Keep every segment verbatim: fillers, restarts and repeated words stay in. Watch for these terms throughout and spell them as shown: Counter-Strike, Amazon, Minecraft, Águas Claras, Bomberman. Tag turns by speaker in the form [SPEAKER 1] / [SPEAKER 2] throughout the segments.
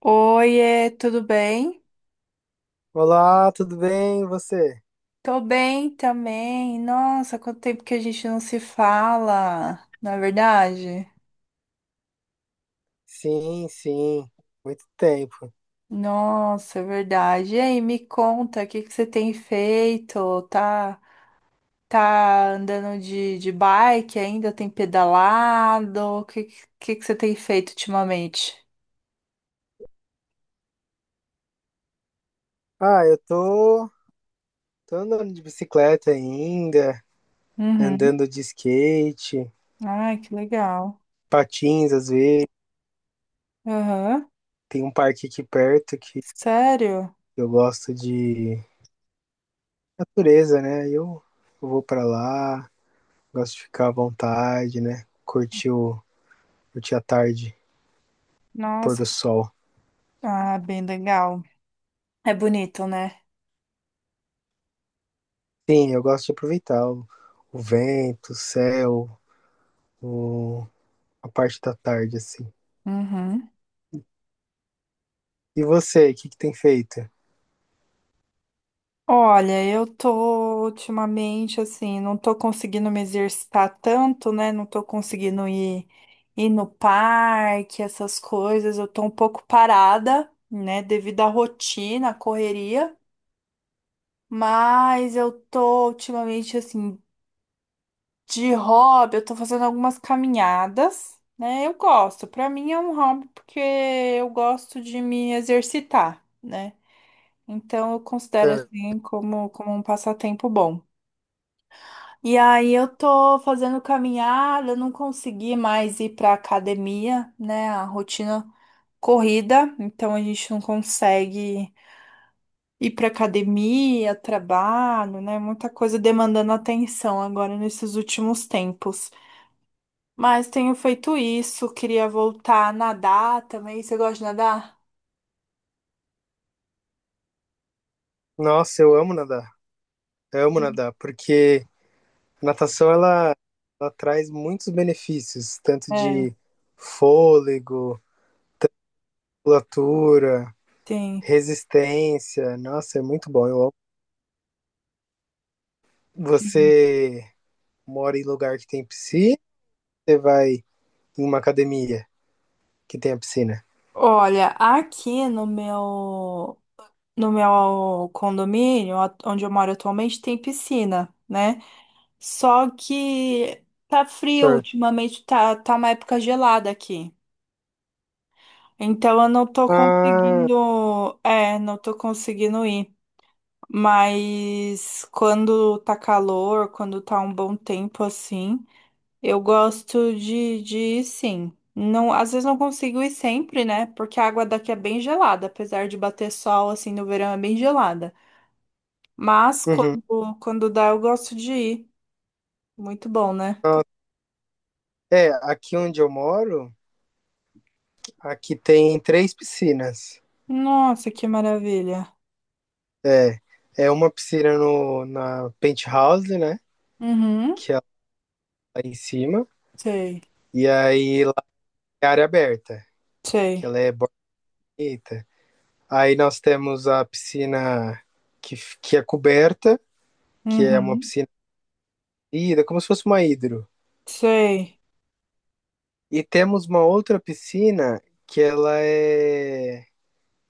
[SPEAKER 1] Oiê, tudo bem?
[SPEAKER 2] Olá, tudo bem? E você?
[SPEAKER 1] Tô bem também. Nossa, quanto tempo que a gente não se fala, não é verdade?
[SPEAKER 2] Sim, sim, muito tempo.
[SPEAKER 1] Nossa, é verdade. E aí, me conta, o que que você tem feito? Tá, tá andando de, de bike ainda? Tem pedalado? O que, que que você tem feito ultimamente?
[SPEAKER 2] Ah, eu tô, tô andando de bicicleta ainda,
[SPEAKER 1] Uhum.
[SPEAKER 2] andando de skate,
[SPEAKER 1] Ai, que legal.
[SPEAKER 2] patins às vezes.
[SPEAKER 1] Aham.
[SPEAKER 2] Tem um parque aqui perto que
[SPEAKER 1] Sério?
[SPEAKER 2] eu gosto de natureza, né? Eu, eu vou pra lá, gosto de ficar à vontade, né? Curtir o, curtir a tarde, pôr do
[SPEAKER 1] Nossa.
[SPEAKER 2] sol.
[SPEAKER 1] Ah, bem legal. É bonito, né?
[SPEAKER 2] Sim, eu gosto de aproveitar o, o vento, o céu, o- a parte da tarde, assim.
[SPEAKER 1] Uhum.
[SPEAKER 2] E você, o que, que tem feito?
[SPEAKER 1] Olha, eu tô ultimamente assim, não tô conseguindo me exercitar tanto, né? Não tô conseguindo ir, ir no parque, essas coisas. Eu tô um pouco parada, né? Devido à rotina, à correria. Mas eu tô ultimamente assim, de hobby, eu tô fazendo algumas caminhadas, né? Eu gosto. Pra mim é um hobby porque eu gosto de me exercitar, né? Então eu considero
[SPEAKER 2] É,
[SPEAKER 1] assim como, como um passatempo bom. E aí eu tô fazendo caminhada, não consegui mais ir pra academia, né? A rotina corrida, então a gente não consegue ir pra academia, trabalho, né? Muita coisa demandando atenção agora nesses últimos tempos. Mas tenho feito isso, queria voltar a nadar também. Você gosta de nadar?
[SPEAKER 2] Nossa, eu amo nadar. Eu amo nadar, porque a natação ela, ela traz muitos benefícios, tanto
[SPEAKER 1] É,
[SPEAKER 2] de fôlego, musculatura,
[SPEAKER 1] tem.
[SPEAKER 2] resistência. Nossa, é muito bom. Eu amo. Você mora em lugar que tem piscina? Você vai em uma academia que tem a piscina?
[SPEAKER 1] Olha, aqui no meu no meu condomínio, a- onde eu moro atualmente, tem piscina, né? Só que tá frio
[SPEAKER 2] Certo.
[SPEAKER 1] ultimamente, tá, tá uma época gelada aqui. Então eu não tô
[SPEAKER 2] Ah,
[SPEAKER 1] conseguindo, é, não tô conseguindo ir. Mas quando tá calor, quando tá um bom tempo assim, eu gosto de, de ir sim. Não, às vezes não consigo ir sempre, né? Porque a água daqui é bem gelada, apesar de bater sol assim no verão, é bem gelada. Mas
[SPEAKER 2] uhum.
[SPEAKER 1] quando, quando dá, eu gosto de ir. Muito bom, né?
[SPEAKER 2] Nossa, é, aqui onde eu moro, aqui tem três piscinas.
[SPEAKER 1] Nossa, que maravilha.
[SPEAKER 2] É, é uma piscina no, na penthouse, né?
[SPEAKER 1] Uhum.
[SPEAKER 2] Que é lá em cima.
[SPEAKER 1] Sei,
[SPEAKER 2] E aí lá é área aberta, que
[SPEAKER 1] sei.
[SPEAKER 2] ela é bonita. Aí nós temos a piscina que, f- que é coberta, que é uma
[SPEAKER 1] Uhum.
[SPEAKER 2] piscina ida, como se fosse uma hidro.
[SPEAKER 1] Sei.
[SPEAKER 2] E temos uma outra piscina que ela é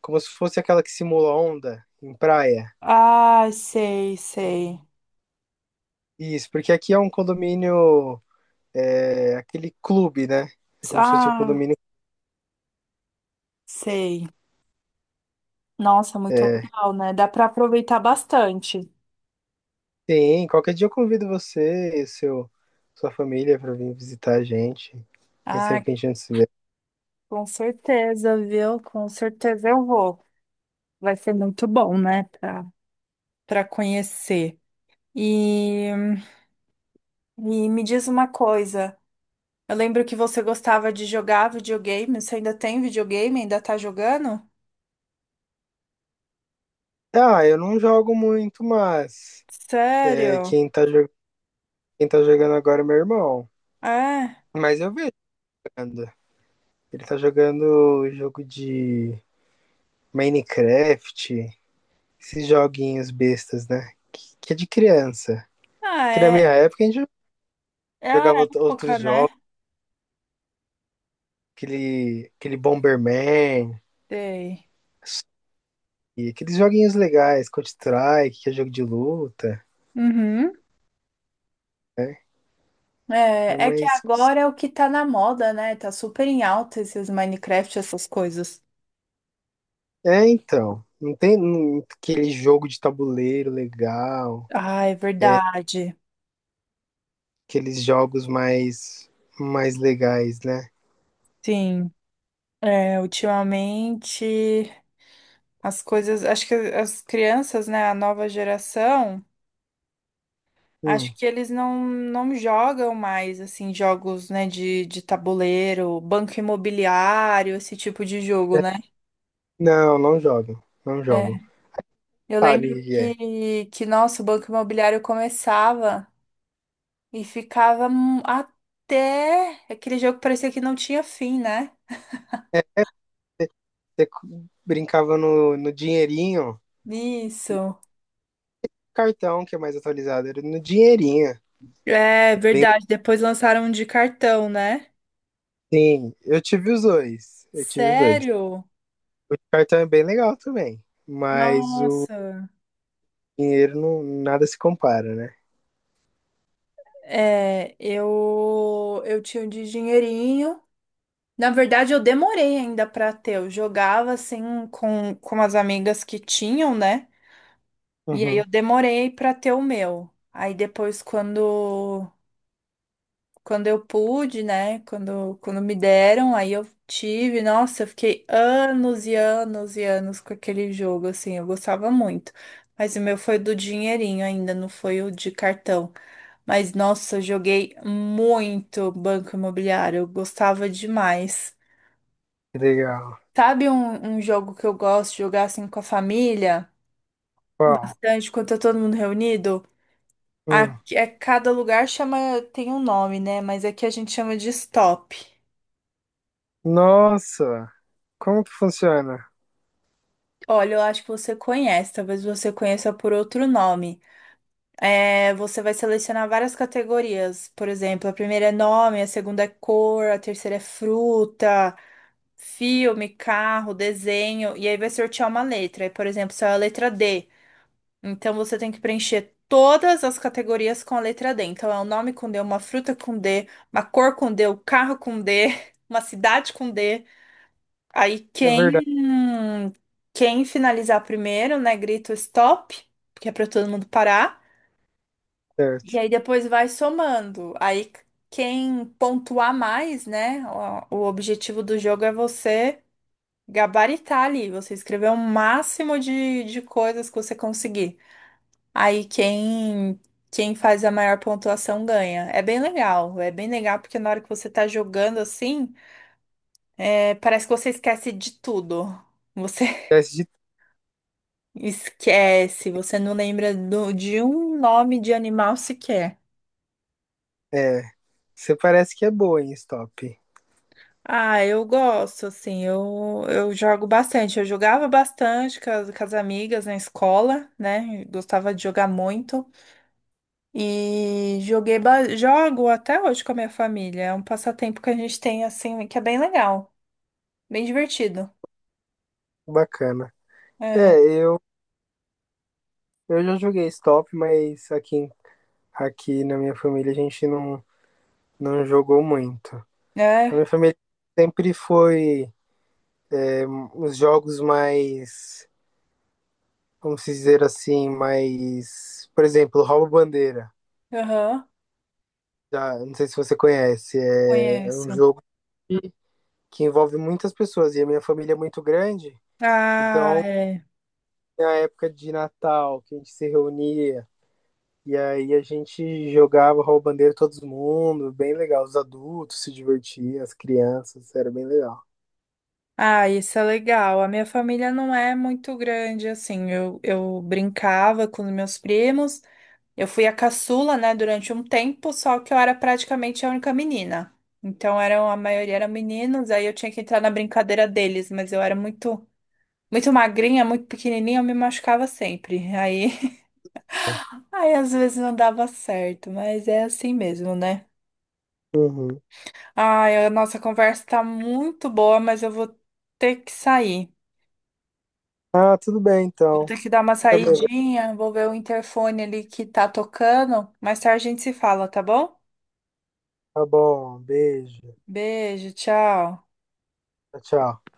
[SPEAKER 2] como se fosse aquela que simula onda em praia.
[SPEAKER 1] Ah, sei, sei.
[SPEAKER 2] Isso, porque aqui é um condomínio, é aquele clube, né? É como se fosse um
[SPEAKER 1] Ah,
[SPEAKER 2] condomínio.
[SPEAKER 1] sei. Nossa, muito legal, né? Dá para aproveitar bastante.
[SPEAKER 2] Sim, qualquer dia eu convido você e seu, sua família pra vir visitar a gente. Faz
[SPEAKER 1] Ah,
[SPEAKER 2] tempo que a gente não se vê.
[SPEAKER 1] com certeza, viu? Com certeza eu vou. Vai ser muito bom, né? Para para conhecer. E, e me diz uma coisa. Eu lembro que você gostava de jogar videogame. Você ainda tem videogame? Ainda tá jogando?
[SPEAKER 2] Ah, eu não jogo muito, mas é,
[SPEAKER 1] Sério?
[SPEAKER 2] quem tá, jo- quem tá jogando agora é meu irmão.
[SPEAKER 1] É.
[SPEAKER 2] Mas eu vejo jogando. Ele tá jogando jogo de Minecraft, esses joguinhos bestas, né? Que, que é de criança.
[SPEAKER 1] Ah,
[SPEAKER 2] Que na
[SPEAKER 1] é.
[SPEAKER 2] minha época a gente
[SPEAKER 1] É a
[SPEAKER 2] jogava out-
[SPEAKER 1] época,
[SPEAKER 2] outros
[SPEAKER 1] né?
[SPEAKER 2] jogos, aquele, aquele, Bomberman,
[SPEAKER 1] Sei.
[SPEAKER 2] e aqueles joguinhos legais, Counter-Strike, que é jogo de luta.
[SPEAKER 1] Uhum.
[SPEAKER 2] É,
[SPEAKER 1] É, é que
[SPEAKER 2] mas.
[SPEAKER 1] agora é o que tá na moda, né? Tá super em alta esses Minecraft, essas coisas.
[SPEAKER 2] É, então. Não tem hum, aquele jogo de tabuleiro legal,
[SPEAKER 1] Ah, é verdade.
[SPEAKER 2] aqueles jogos mais, mais, legais, né?
[SPEAKER 1] Sim. É, ultimamente as coisas. Acho que as crianças, né? A nova geração. Acho
[SPEAKER 2] Hum.
[SPEAKER 1] que eles não, não jogam mais, assim, jogos, né, de, de tabuleiro, banco imobiliário, esse tipo de jogo,
[SPEAKER 2] É,
[SPEAKER 1] né?
[SPEAKER 2] não, não jogo. Não
[SPEAKER 1] É.
[SPEAKER 2] jogo.
[SPEAKER 1] Eu
[SPEAKER 2] Sabe,
[SPEAKER 1] lembro
[SPEAKER 2] é.
[SPEAKER 1] que, que, nossa, o banco imobiliário começava e ficava hum, até... Aquele jogo parecia que não tinha fim, né?
[SPEAKER 2] É, você cu- brincava no, no dinheirinho,
[SPEAKER 1] Isso.
[SPEAKER 2] cartão que é mais atualizado, era no dinheirinho.
[SPEAKER 1] É
[SPEAKER 2] Era bem.
[SPEAKER 1] verdade, depois lançaram um de cartão, né?
[SPEAKER 2] Sim, eu tive os dois. Eu tive os dois.
[SPEAKER 1] Sério?
[SPEAKER 2] O cartão é bem legal também, mas o
[SPEAKER 1] Nossa.
[SPEAKER 2] dinheiro não, nada se compara, né?
[SPEAKER 1] É, eu, eu tinha um de dinheirinho. Na verdade, eu demorei ainda pra ter. Eu jogava assim com, com as amigas que tinham, né? E aí eu
[SPEAKER 2] Uhum.
[SPEAKER 1] demorei pra ter o meu. Aí depois, quando, quando eu pude, né? Quando, quando me deram, aí eu tive. Nossa, eu fiquei anos e anos e anos com aquele jogo, assim. Eu gostava muito. Mas o meu foi do dinheirinho ainda, não foi o de cartão. Mas nossa, eu joguei muito Banco Imobiliário. Eu gostava demais.
[SPEAKER 2] Que legal.
[SPEAKER 1] Sabe um, um jogo que eu gosto de jogar assim com a família?
[SPEAKER 2] Qual?
[SPEAKER 1] Bastante, quando tá todo mundo reunido?
[SPEAKER 2] Hum.
[SPEAKER 1] Aqui, é, cada lugar chama, tem um nome, né? Mas aqui a gente chama de stop.
[SPEAKER 2] Nossa, como que funciona?
[SPEAKER 1] Olha, eu acho que você conhece, talvez você conheça por outro nome. É, você vai selecionar várias categorias. Por exemplo, a primeira é nome, a segunda é cor, a terceira é fruta, filme, carro, desenho. E aí vai sortear uma letra. Aí, por exemplo, se é a letra D. Então você tem que preencher todas as categorias com a letra D. Então é um nome com D, uma fruta com D, uma cor com D, um carro com D, uma cidade com D. Aí
[SPEAKER 2] É verdade,
[SPEAKER 1] quem quem finalizar primeiro, né, grita o stop, que é para todo mundo parar. E
[SPEAKER 2] certo.
[SPEAKER 1] aí depois vai somando. Aí quem pontuar mais, né, o, o objetivo do jogo é você gabaritar ali, você escrever o máximo de, de coisas que você conseguir. Aí quem quem faz a maior pontuação ganha. É bem legal, é bem legal porque na hora que você tá jogando assim, é, parece que você esquece de tudo. Você
[SPEAKER 2] Teste de.
[SPEAKER 1] esquece, você não lembra do- de um nome de animal sequer.
[SPEAKER 2] É, você parece que é boa em stop.
[SPEAKER 1] Ah, eu gosto, assim, eu, eu jogo bastante. Eu jogava bastante com as, com as amigas na escola, né? Gostava de jogar muito. E joguei, ba- jogo até hoje com a minha família. É um passatempo que a gente tem, assim, que é bem legal, bem divertido.
[SPEAKER 2] Bacana.
[SPEAKER 1] É,
[SPEAKER 2] É, eu, eu, já joguei stop, mas aqui, aqui na minha família a gente não, não jogou muito. A
[SPEAKER 1] é,
[SPEAKER 2] minha família sempre foi hum, os jogos mais, vamos dizer assim, mais, por exemplo, rouba-bandeira.
[SPEAKER 1] aham,
[SPEAKER 2] Já, não sei se você conhece, é é um
[SPEAKER 1] conheço.
[SPEAKER 2] jogo que envolve muitas pessoas e a minha família é muito grande.
[SPEAKER 1] Ah,
[SPEAKER 2] Então,
[SPEAKER 1] é.
[SPEAKER 2] na época de Natal, que a gente se reunia, e aí a gente jogava rouba-bandeira todo mundo, bem legal. Os adultos se divertiam, as crianças, era bem legal.
[SPEAKER 1] Ah, isso é legal. A minha família não é muito grande, assim. Eu, eu brincava com os meus primos. Eu fui a caçula, né, durante um tempo, só que eu era praticamente a única menina. Então, eram, a maioria eram meninos, aí eu tinha que entrar na brincadeira deles, mas eu era muito. Muito magrinha, muito pequenininha, eu me machucava sempre. Aí, aí às vezes não dava certo, mas é assim mesmo, né?
[SPEAKER 2] Uhum.
[SPEAKER 1] Ai, a nossa conversa tá muito boa, mas eu vou ter que sair.
[SPEAKER 2] Ah, tudo bem
[SPEAKER 1] Vou
[SPEAKER 2] então.
[SPEAKER 1] ter que dar uma
[SPEAKER 2] Tá bom,
[SPEAKER 1] saidinha, vou ver o interfone ali que tá tocando. Mais tarde a gente se fala, tá bom?
[SPEAKER 2] tá bom. Beijo.
[SPEAKER 1] Beijo, tchau.
[SPEAKER 2] Tchau, tchau.